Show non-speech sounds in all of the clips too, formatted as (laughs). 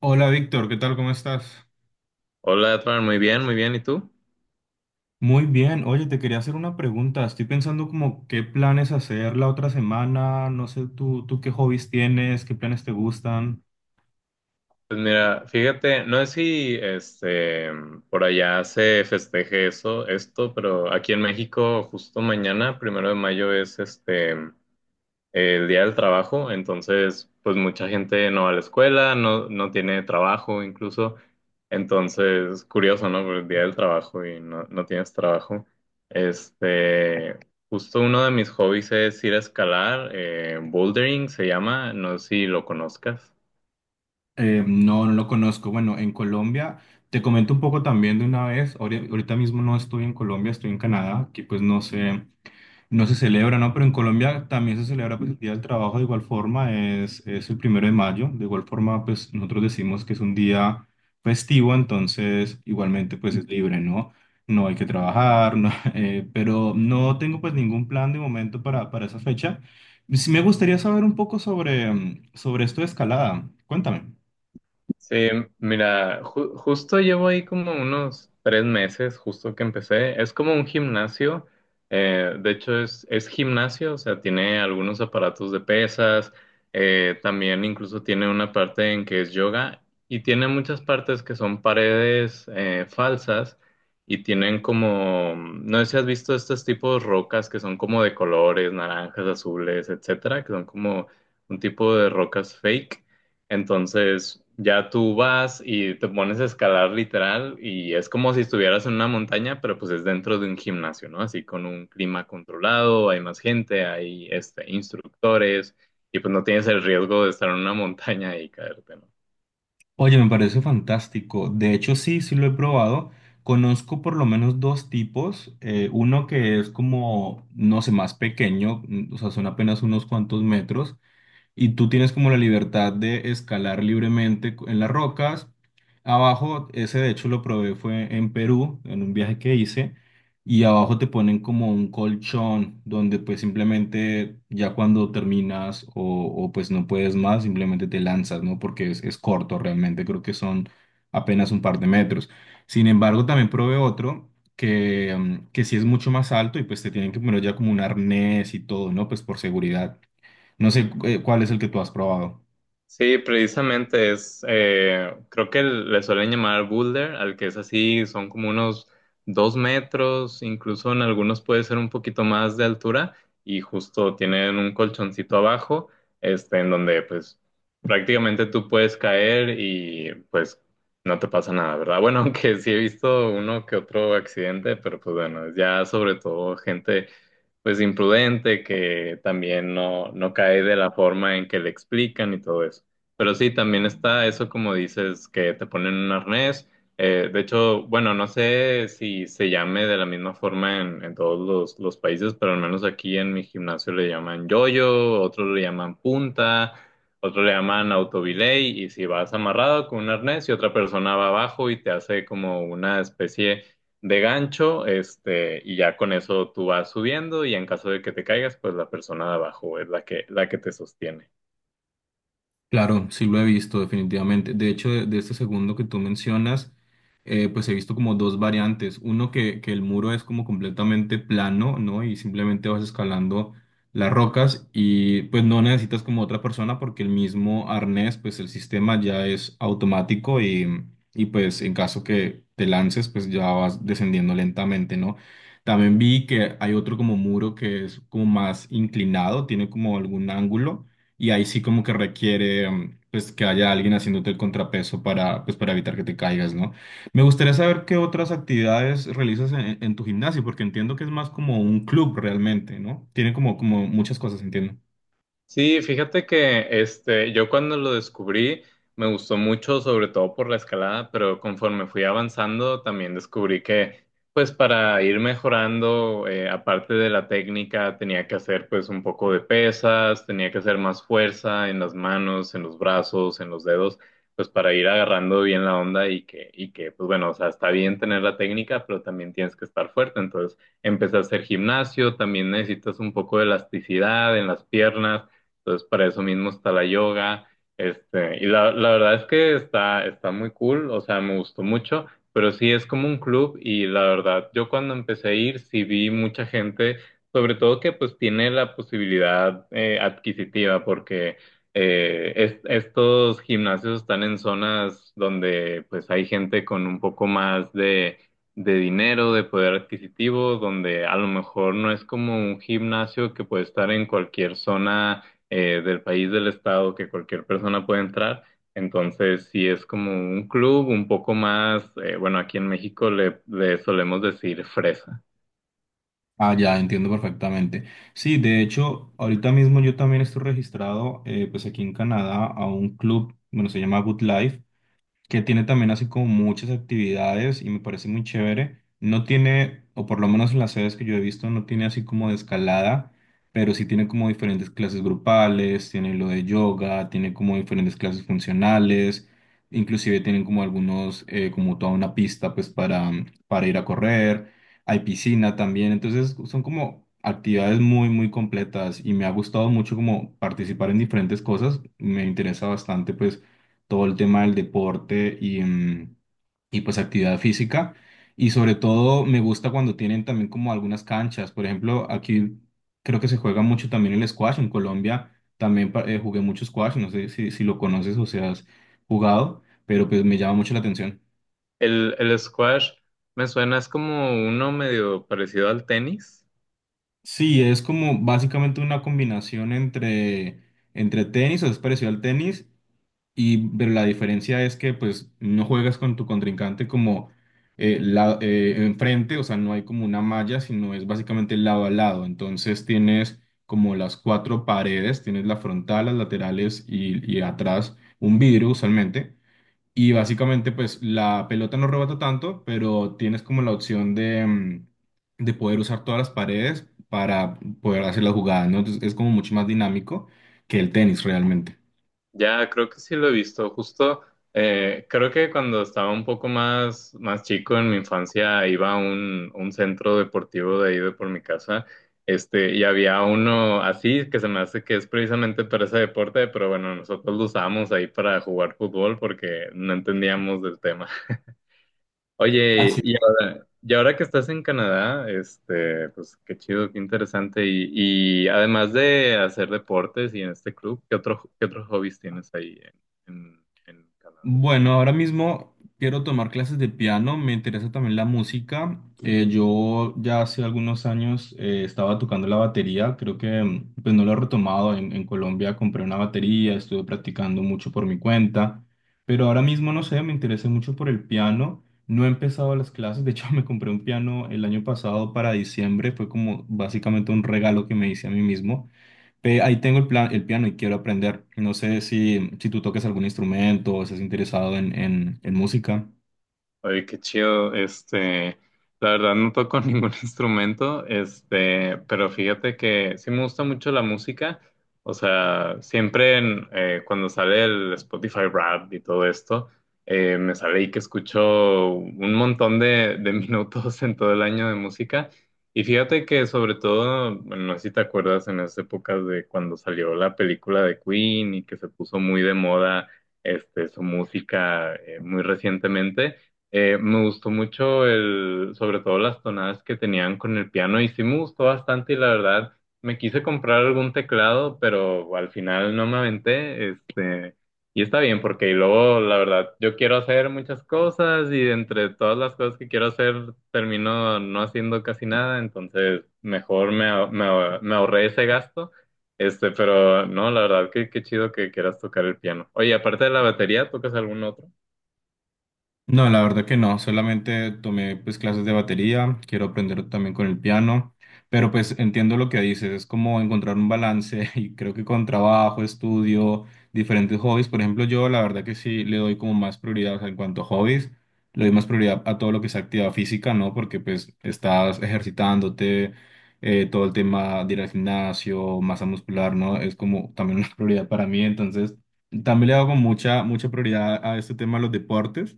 Hola Víctor, ¿qué tal? ¿Cómo estás? Hola, Edwin, muy bien, muy bien. ¿Y tú? Muy bien, oye, te quería hacer una pregunta. Estoy pensando como qué planes hacer la otra semana. No sé, tú qué hobbies tienes, qué planes te gustan. Pues mira, fíjate, no sé si por allá se festeje eso, esto, pero aquí en México, justo mañana, 1 de mayo, es el día del trabajo, entonces pues mucha gente no va a la escuela, no, no tiene trabajo incluso, entonces curioso, ¿no? Por el día del trabajo y no, no tienes trabajo. Este, justo uno de mis hobbies es ir a escalar, bouldering se llama, no sé si lo conozcas. No, no lo conozco. Bueno, en Colombia, te comento un poco también de una vez. Ahorita mismo no estoy en Colombia, estoy en Canadá, que pues no sé. No se celebra, ¿no? Pero en Colombia también se celebra pues, el Día del Trabajo de igual forma, es el primero de mayo, de igual forma pues nosotros decimos que es un día festivo, entonces igualmente pues es libre, ¿no? No hay que trabajar, no, (laughs) pero no tengo pues ningún plan de momento para esa fecha. Sí me gustaría saber un poco sobre esto de escalada, cuéntame. Sí, mira, justo llevo ahí como unos 3 meses, justo que empecé. Es como un gimnasio, de hecho es gimnasio, o sea, tiene algunos aparatos de pesas, también incluso tiene una parte en que es yoga y tiene muchas partes que son paredes falsas y tienen como, no sé si has visto estos tipos de rocas que son como de colores, naranjas, azules, etcétera, que son como un tipo de rocas fake. Entonces ya tú vas y te pones a escalar literal y es como si estuvieras en una montaña, pero pues es dentro de un gimnasio, ¿no? Así con un clima controlado, hay más gente, hay instructores y pues no tienes el riesgo de estar en una montaña y caerte, ¿no? Oye, me parece fantástico. De hecho, sí, sí lo he probado. Conozco por lo menos dos tipos. Uno que es como, no sé, más pequeño, o sea, son apenas unos cuantos metros y tú tienes como la libertad de escalar libremente en las rocas. Abajo, ese de hecho lo probé fue en Perú, en un viaje que hice, y abajo te ponen como un colchón donde pues simplemente ya cuando terminas o pues no puedes más, simplemente te lanzas, ¿no? Porque es corto realmente, creo que son apenas un par de metros. Sin embargo, también probé otro que sí es mucho más alto y pues te tienen que poner ya como un arnés y todo, ¿no? Pues por seguridad. No sé cuál es el que tú has probado. Sí, precisamente es, creo que le suelen llamar boulder, al que es así, son como unos 2 metros, incluso en algunos puede ser un poquito más de altura y justo tienen un colchoncito abajo, en donde pues prácticamente tú puedes caer y pues no te pasa nada, ¿verdad? Bueno, (laughs) aunque sí he visto uno que otro accidente, pero pues bueno, ya sobre todo gente pues imprudente, que también no, no cae de la forma en que le explican y todo eso. Pero sí, también está eso como dices, que te ponen un arnés. De hecho, bueno, no sé si se llame de la misma forma en todos los países, pero al menos aquí en mi gimnasio le llaman yoyo, otros le llaman punta, otros le llaman autobilay, y si vas amarrado con un arnés y otra persona va abajo y te hace como una especie de gancho, y ya con eso tú vas subiendo y en caso de que te caigas, pues la persona de abajo es la que te sostiene. Claro, sí lo he visto definitivamente. De hecho, de este segundo que tú mencionas, pues he visto como dos variantes. Uno que el muro es como completamente plano, ¿no? Y simplemente vas escalando las rocas y pues no necesitas como otra persona porque el mismo arnés, pues el sistema ya es automático y pues en caso que te lances, pues ya vas descendiendo lentamente, ¿no? También vi que hay otro como muro que es como más inclinado, tiene como algún ángulo y ahí sí como que requiere pues que haya alguien haciéndote el contrapeso para pues para evitar que te caigas, ¿no? Me gustaría saber qué otras actividades realizas en tu gimnasio, porque entiendo que es más como un club realmente, ¿no? Tiene como, como muchas cosas, entiendo. Sí, fíjate que yo cuando lo descubrí me gustó mucho, sobre todo por la escalada, pero conforme fui avanzando también descubrí que pues para ir mejorando, aparte de la técnica, tenía que hacer pues un poco de pesas, tenía que hacer más fuerza en las manos, en los brazos, en los dedos, pues para ir agarrando bien la onda y y que pues bueno, o sea, está bien tener la técnica, pero también tienes que estar fuerte. Entonces empecé a hacer gimnasio, también necesitas un poco de elasticidad en las piernas. Entonces, para eso mismo está la yoga. Y la verdad es que está muy cool, o sea, me gustó mucho, pero sí es como un club y la verdad, yo cuando empecé a ir, sí vi mucha gente, sobre todo que pues tiene la posibilidad adquisitiva, porque estos gimnasios están en zonas donde pues hay gente con un poco más de dinero, de poder adquisitivo, donde a lo mejor no es como un gimnasio que puede estar en cualquier zona del país, del estado, que cualquier persona puede entrar. Entonces, sí es como un club un poco más, bueno, aquí en México le solemos decir fresa. Ah, ya, entiendo perfectamente. Sí, de hecho, ahorita mismo yo también estoy registrado, pues aquí en Canadá, a un club, bueno, se llama Good Life, que tiene también así como muchas actividades y me parece muy chévere. No tiene, o por lo menos en las sedes que yo he visto, no tiene así como de escalada, pero sí tiene como diferentes clases grupales, tiene lo de yoga, tiene como diferentes clases funcionales, inclusive tienen como algunos, como toda una pista pues para ir a correr, hay piscina también, entonces son como actividades muy muy completas y me ha gustado mucho como participar en diferentes cosas, me interesa bastante pues todo el tema del deporte y pues actividad física. Y sobre todo me gusta cuando tienen también como algunas canchas. Por ejemplo, aquí creo que se juega mucho también el squash. En Colombia también jugué mucho squash. No sé si lo conoces o si has jugado, pero pues me llama mucho la atención. El squash me suena, es como uno medio parecido al tenis. Sí, es como básicamente una combinación entre tenis, o es parecido al tenis, y pero la diferencia es que pues no juegas con tu contrincante como enfrente, o sea, no hay como una malla, sino es básicamente lado a lado. Entonces tienes como las cuatro paredes, tienes la frontal, las laterales y atrás un vidrio usualmente. Y básicamente pues la pelota no rebota tanto, pero tienes como la opción de poder usar todas las paredes para poder hacer las jugadas, ¿no? Entonces es como mucho más dinámico que el tenis realmente. Ya, creo que sí lo he visto. Justo, creo que cuando estaba un poco más chico en mi infancia, iba a un centro deportivo de ahí de por mi casa, y había uno así que se me hace que es precisamente para ese deporte, pero bueno, nosotros lo usábamos ahí para jugar fútbol porque no entendíamos del tema. Oye, y ahora que estás en Canadá, pues qué chido, qué interesante. Y además de hacer deportes y en este club, ¿qué otro, qué otros hobbies tienes ahí en Canadá? Bueno, ahora mismo quiero tomar clases de piano, me interesa también la música. Yo ya hace algunos años estaba tocando la batería, creo que pues no lo he retomado. En Colombia compré una batería, estuve practicando mucho por mi cuenta, pero ahora mismo no sé, me interesé mucho por el piano. No he empezado las clases, de hecho (laughs) me compré un piano el año pasado para diciembre, fue como básicamente un regalo que me hice a mí mismo. Ve, ahí tengo el plan, el piano y quiero aprender. No sé si, si tú toques algún instrumento o estás interesado en música. Oye, qué chido. La verdad no toco (laughs) ningún instrumento, pero fíjate que sí me gusta mucho la música. O sea, siempre en, cuando sale el Spotify Rap y todo esto, me sale ahí que escucho un montón de (laughs) minutos en todo el año de música. Y fíjate que sobre todo, bueno, no sé si te acuerdas en las épocas de cuando salió la película de Queen y que se puso muy de moda, su música, muy recientemente. Me gustó mucho sobre todo las tonadas que tenían con el piano y sí me gustó bastante y la verdad me quise comprar algún teclado, pero al final no me aventé, y está bien porque y luego la verdad yo quiero hacer muchas cosas y entre todas las cosas que quiero hacer termino no haciendo casi nada, entonces mejor me ahorré ese gasto, pero no, la verdad que qué chido que quieras tocar el piano. Oye, aparte de la batería, ¿tocas algún otro? No, la verdad que no, solamente tomé pues clases de batería, quiero aprender también con el piano, pero pues entiendo lo que dices, es como encontrar un balance (laughs) y creo que con trabajo, estudio, diferentes hobbies, por ejemplo, yo la verdad que sí le doy como más prioridad, o sea, en cuanto a hobbies, le doy más prioridad a todo lo que es actividad física, ¿no? Porque pues estás ejercitándote, todo el tema de ir al gimnasio, masa muscular, ¿no? Es como también (laughs) una prioridad para mí, entonces también le hago mucha, mucha prioridad a este tema de los deportes.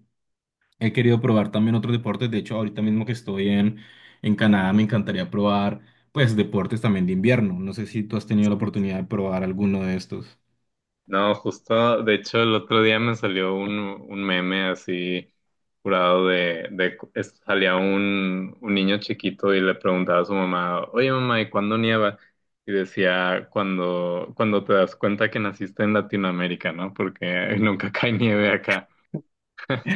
He querido probar también otros deportes. De hecho, ahorita mismo que estoy en Canadá, me encantaría probar, pues, deportes también de invierno. No sé si tú has tenido la oportunidad de probar alguno de estos. No, justo, de hecho, el otro día me salió un meme así curado salía un niño chiquito y le preguntaba a su mamá, oye mamá, ¿y cuándo nieva? Y decía, cuando te das cuenta que naciste en Latinoamérica, ¿no? Porque (laughs) nunca cae nieve.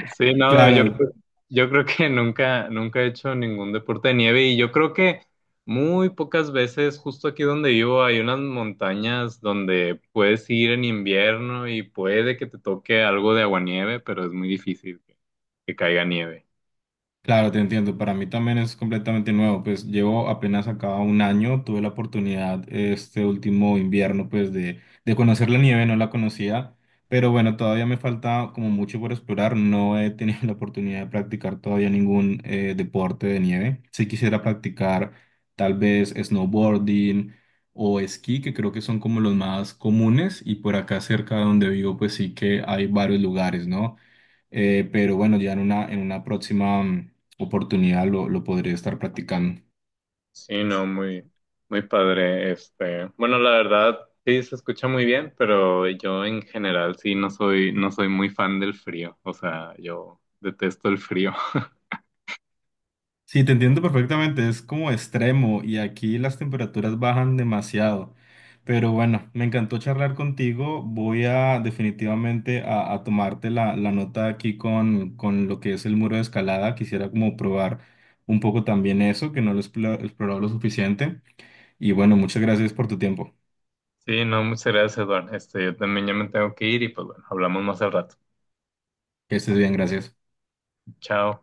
Sí, no, Claro, yo creo que nunca he hecho ningún deporte de nieve y yo creo que muy pocas veces, justo aquí donde vivo, hay unas montañas donde puedes ir en invierno y puede que te toque algo de aguanieve, pero es muy difícil que caiga nieve. Claro, te entiendo. Para mí también es completamente nuevo. Pues llevo apenas acá un año. Tuve la oportunidad este último invierno, pues de conocer la nieve. No la conocía, pero bueno, todavía me falta como mucho por explorar. No he tenido (laughs) la oportunidad de practicar todavía ningún deporte de nieve. Si quisiera practicar tal vez snowboarding o esquí, que creo que son como los más comunes. Y por acá cerca de donde vivo, pues sí que hay varios lugares, ¿no? Pero bueno, ya en una, próxima oportunidad lo podría estar practicando. Sí, no, muy, muy padre. Bueno, la verdad, sí, se escucha muy bien, pero yo en general sí no soy muy fan del frío. O sea, yo detesto el frío. (laughs) Sí, te entiendo perfectamente, es como extremo y aquí las temperaturas bajan demasiado. Pero bueno, me encantó charlar contigo. Voy a definitivamente a tomarte la nota aquí con lo que es el muro de escalada. Quisiera como probar un poco también eso, que no lo he explorado lo suficiente. Y bueno, muchas gracias por tu tiempo. Sí, no, muchas gracias, Eduardo. Yo también ya me tengo que ir y pues bueno, hablamos más al rato. Que estés bien, gracias. Chao.